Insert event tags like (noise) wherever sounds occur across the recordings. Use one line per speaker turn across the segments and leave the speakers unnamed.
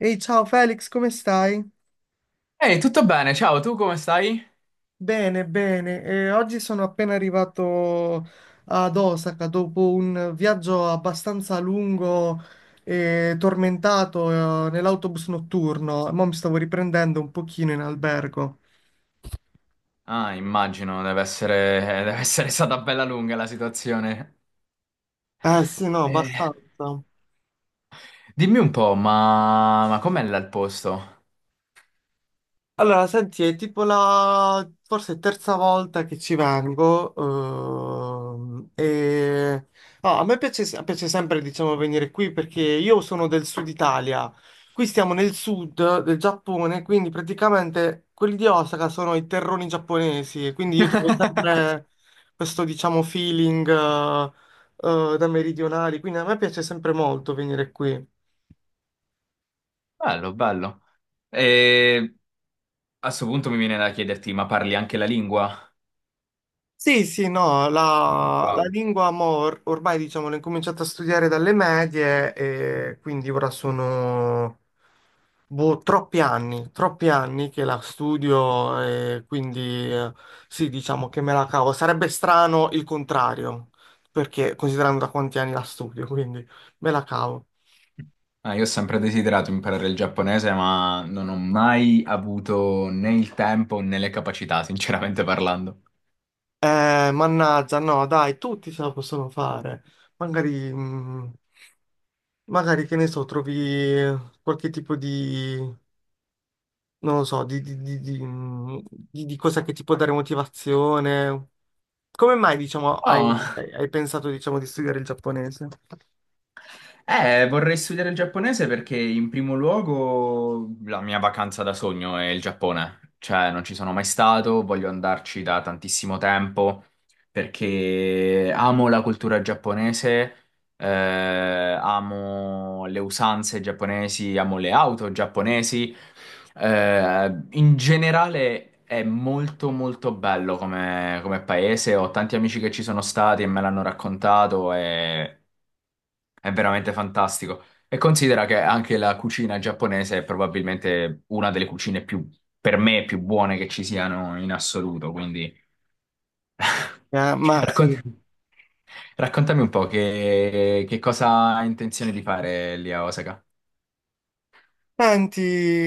Ehi, ciao Felix, come stai?
Ehi, tutto bene? Ciao, tu come stai?
Bene, bene. Oggi sono appena arrivato ad Osaka dopo un viaggio abbastanza lungo e tormentato, nell'autobus notturno. Mo' mi stavo riprendendo un pochino in albergo.
Ah, immagino, deve essere stata bella lunga la situazione.
Eh sì, no,
Eh,
abbastanza.
dimmi un po', ma com'è là il posto?
Allora, senti, è tipo la forse terza volta che ci vengo. No, a me piace sempre, diciamo, venire qui perché io sono del sud Italia. Qui stiamo nel sud del Giappone, quindi praticamente quelli di Osaka sono i terroni giapponesi. E quindi io trovo
(laughs)
sempre questo, diciamo, feeling da meridionali. Quindi a me piace sempre molto venire qui.
Bello, bello. E a sto punto mi viene da chiederti, ma parli anche la lingua?
Sì, sì, no, la
Wow.
lingua mo, ormai diciamo l'ho incominciata a studiare dalle medie e quindi ora sono boh, troppi anni che la studio e quindi eh, sì, diciamo che me la cavo. Sarebbe strano il contrario, perché considerando da quanti anni la studio, (laughs) quindi me la cavo.
Ah, io ho sempre desiderato imparare il giapponese, ma non ho mai avuto né il tempo né le capacità, sinceramente parlando.
Mannaggia, no, dai, tutti ce la possono fare. Magari, mm, Magari che ne so, trovi qualche tipo di non lo so, di cosa che ti può dare motivazione. Come mai, diciamo,
Oh.
hai pensato, diciamo, di studiare il giapponese?
Vorrei studiare il giapponese perché in primo luogo la mia vacanza da sogno è il Giappone. Cioè, non ci sono mai stato, voglio andarci da tantissimo tempo perché amo la cultura giapponese, amo le usanze giapponesi, amo le auto giapponesi. In generale è molto molto bello come, come paese. Ho tanti amici che ci sono stati e me l'hanno raccontato e è veramente fantastico. E considera che anche la cucina giapponese è probabilmente una delle cucine più, per me, più buone che ci siano in assoluto. Quindi
Ah,
(laughs)
ma sì.
raccon- raccontami un po' che cosa hai intenzione di fare lì a Osaka.
Senti,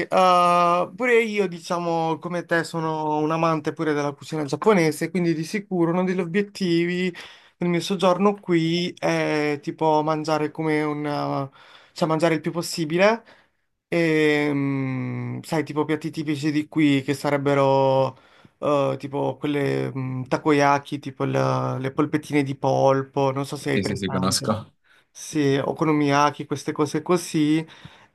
pure io, diciamo, come te, sono un amante pure della cucina giapponese, quindi di sicuro uno degli obiettivi del mio soggiorno qui è tipo mangiare come cioè mangiare il più possibile. E, sai, tipo piatti tipici di qui che sarebbero tipo quelle takoyaki, tipo le polpettine di polpo, non so se hai
Sì, sì, sì,
presente.
conosco.
Sì, okonomiyaki, queste cose così.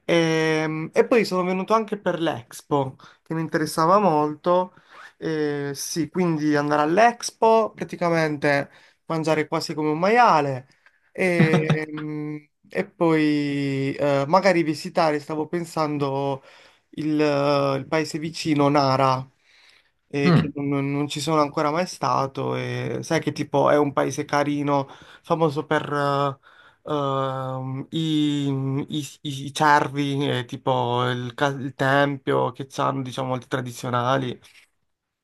E, poi sono venuto anche per l'Expo, che mi interessava molto. Sì, quindi andare all'Expo, praticamente mangiare quasi come un maiale e, e poi magari visitare, stavo pensando il paese vicino, Nara, Mm. che
Mm,
non ci sono ancora mai stato. E sai che tipo è un paese carino, famoso per i cervi, tipo il tempio che hanno, diciamo, molti tradizionali.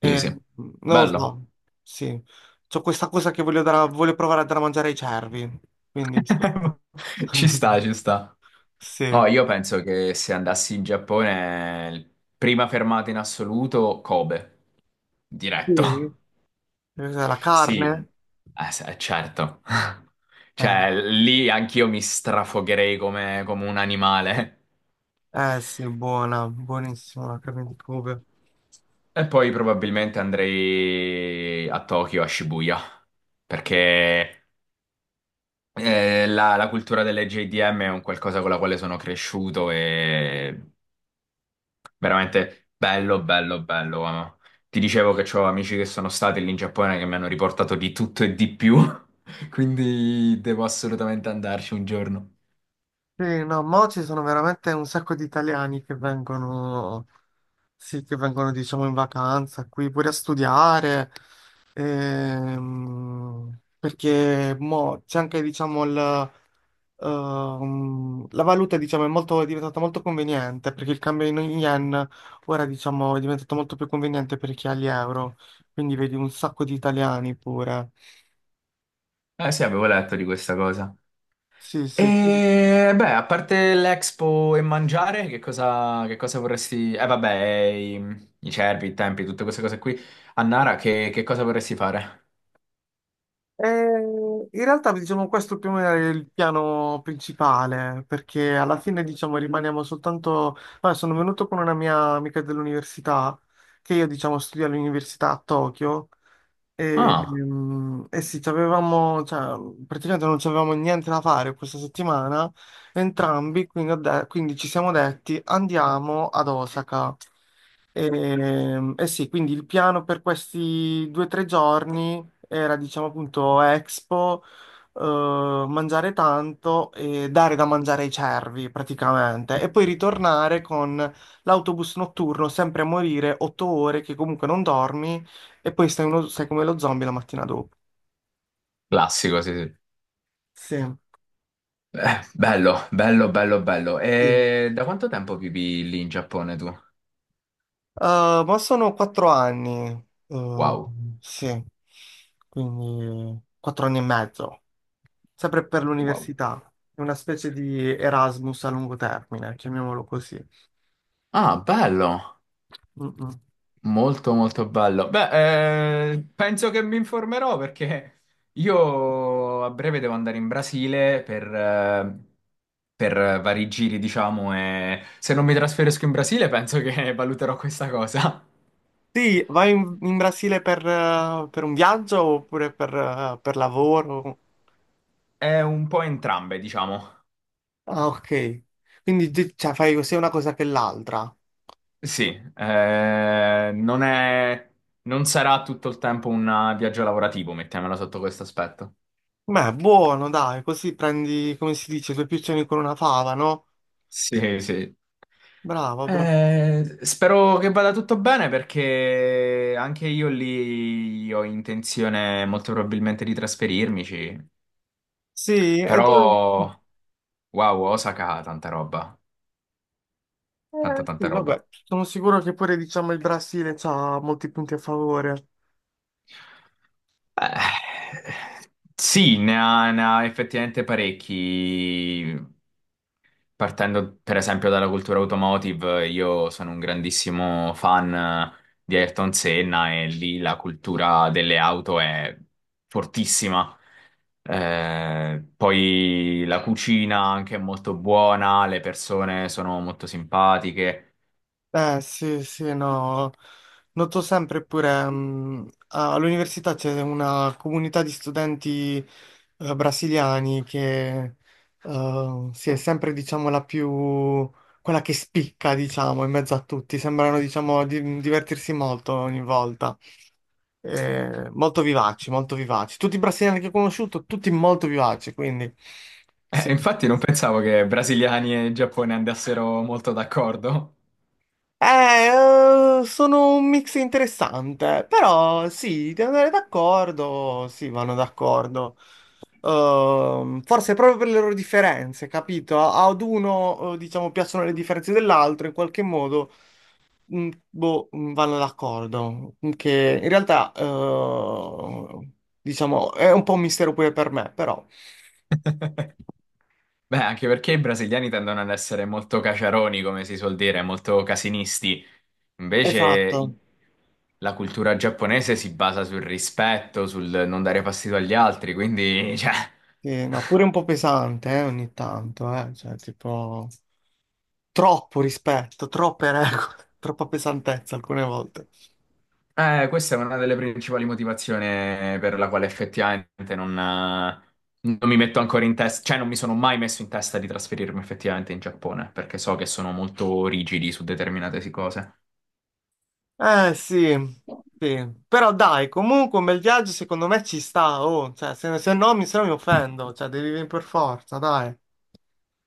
sì, sì.
non lo
Bello.
so, sì. C'ho questa cosa che voglio provare a dare a mangiare ai cervi, quindi sì.
(laughs) Ci sta,
(laughs)
ci sta.
Sì.
Oh, io penso che se andassi in Giappone, prima fermata in assoluto, Kobe, diretto.
Sì. Cos'è, la
Sì,
carne?
certo. (laughs)
Eh.
Cioè, lì anch'io mi strafogherei come, come un animale.
Eh sì, buona, buonissima la carne di Kobe.
E poi probabilmente andrei a Tokyo, a Shibuya, perché la cultura delle JDM è un qualcosa con la quale sono cresciuto e veramente bello, bello, bello. Ti dicevo che ho amici che sono stati lì in Giappone che mi hanno riportato di tutto e di più, (laughs) quindi devo assolutamente andarci un giorno.
Sì, no, mo ci sono veramente un sacco di italiani che vengono, sì, che vengono, diciamo, in vacanza qui pure a studiare, perché mo c'è anche, diciamo, la valuta, diciamo, è diventata molto conveniente, perché il cambio in yen ora, diciamo, è diventato molto più conveniente per chi ha gli euro, quindi vedi un sacco di italiani pure.
Eh sì, avevo letto di questa cosa.
Sì, sì.
E beh, a parte l'Expo e mangiare, che cosa vorresti... Eh vabbè, i cervi, i tempi, tutte queste cose qui. A Nara, che cosa vorresti fare?
Eh, In realtà, diciamo, questo più o meno è il piano principale, perché alla fine, diciamo, rimaniamo soltanto. Vabbè, sono venuto con una mia amica dell'università, che io, diciamo, studio all'università a Tokyo,
Ah,
e sì, ci avevamo, cioè, praticamente non avevamo niente da fare questa settimana, entrambi, quindi, quindi ci siamo detti, andiamo ad Osaka. E, eh sì, quindi il piano per questi 2 o 3 giorni era, diciamo appunto, Expo, eh, mangiare tanto e dare da mangiare ai cervi praticamente, e poi ritornare con l'autobus notturno, sempre a morire, 8 ore che comunque non dormi, e poi sei come lo zombie la mattina dopo.
classico, sì, sì.
Sì.
Bello, bello, bello, bello.
Sì.
E da quanto tempo vivi lì in Giappone tu?
Ma sono 4 anni,
Wow,
sì, quindi 4 anni e mezzo, sempre per
wow.
l'università. È una specie di Erasmus a lungo termine, chiamiamolo così.
Ah, bello.
Mm-mm.
Molto molto bello. Beh, penso che mi informerò perché io a breve devo andare in Brasile per vari giri, diciamo, e se non mi trasferisco in Brasile penso che (laughs) valuterò questa cosa.
Sì, vai in Brasile per un viaggio oppure per lavoro?
È un po' entrambe, diciamo.
Ah, ok. Quindi cioè, fai sia una cosa che l'altra.
Sì, eh, non è, non sarà tutto il tempo un viaggio lavorativo, mettiamola sotto questo aspetto.
Beh, buono, dai, così prendi, come si dice, due piccioni con una fava, no?
Sì, sì.
Bravo, bravo.
Spero che vada tutto bene perché anche io lì ho intenzione molto probabilmente di trasferirmici,
Sì,
però wow, Osaka ha tanta roba, tanta tanta
sì, vabbè,
roba.
sono sicuro che pure, diciamo, il Brasile ha molti punti a favore.
Eh, sì, ne ha, ne ha effettivamente parecchi. Partendo per esempio dalla cultura automotive, io sono un grandissimo fan di Ayrton Senna e lì la cultura delle auto è fortissima. Poi la cucina anche è molto buona, le persone sono molto simpatiche.
Eh sì, sì, no, noto sempre pure all'università c'è una comunità di studenti brasiliani che sì, è sempre diciamo la più, quella che spicca diciamo in mezzo a tutti, sembrano diciamo divertirsi molto ogni volta. Molto vivaci, molto vivaci, tutti i brasiliani che ho conosciuto, tutti molto vivaci, quindi sì.
Infatti non pensavo che brasiliani e Giappone andassero molto d'accordo.
Sono un mix interessante, però sì, devo andare d'accordo, sì, vanno d'accordo. Forse proprio per le loro differenze, capito? Ad uno, diciamo, piacciono le differenze dell'altro, in qualche modo, boh, vanno d'accordo. Che in realtà, diciamo, è un po' un mistero pure per me, però.
Beh, anche perché i brasiliani tendono ad essere molto caciaroni, come si suol dire, molto casinisti. Invece i-
Esatto,
la cultura giapponese si basa sul rispetto, sul non dare fastidio agli altri, quindi, cioè...
sì, no, pure un
(laughs)
po' pesante, ogni tanto, cioè, tipo. Troppo rispetto, troppe regole, (laughs) troppa pesantezza alcune volte.
Questa è una delle principali motivazioni per la quale effettivamente non mi metto ancora in testa, cioè non mi sono mai messo in testa di trasferirmi effettivamente in Giappone, perché so che sono molto rigidi su determinate cose.
Eh sì, sì. Però dai, comunque un bel viaggio secondo me ci sta, oh, cioè, se no mi offendo, cioè devi venire per forza, dai.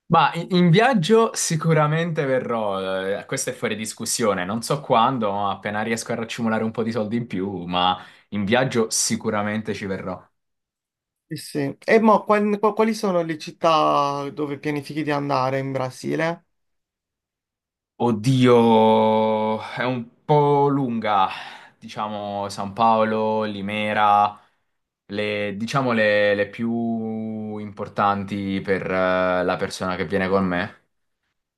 Ma in viaggio sicuramente verrò, questo è fuori discussione, non so quando, ma appena riesco a raccimolare un po' di soldi in più, ma in viaggio sicuramente ci verrò.
Sì, sì. E mo, quali sono le città dove pianifichi di andare in Brasile?
Oddio, è un po' lunga, diciamo San Paolo, Limera, le più importanti per la persona che viene con me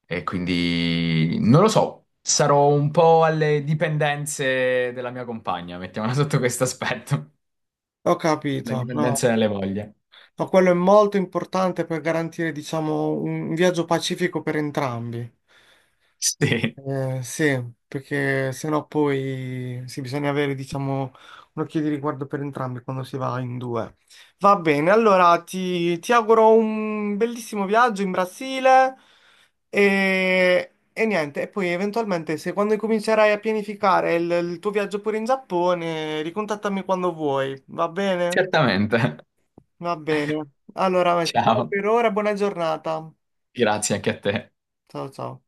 e quindi non lo so, sarò un po' alle dipendenze della mia compagna, mettiamola (laughs) sotto questo aspetto,
Ho
le
capito, no.
dipendenze delle voglie.
Ma quello è molto importante per garantire, diciamo, un viaggio pacifico per entrambi.
Sì,
Sì, perché sennò poi sì, bisogna avere, diciamo, un occhio di riguardo per entrambi quando si va in due. Va bene, allora ti auguro un bellissimo viaggio in Brasile e niente, e poi eventualmente se quando comincerai a pianificare il tuo viaggio pure in Giappone, ricontattami quando vuoi, va bene?
certamente.
Va bene. Allora, ciao
Ciao,
per ora, buona giornata.
grazie anche a te.
Ciao ciao.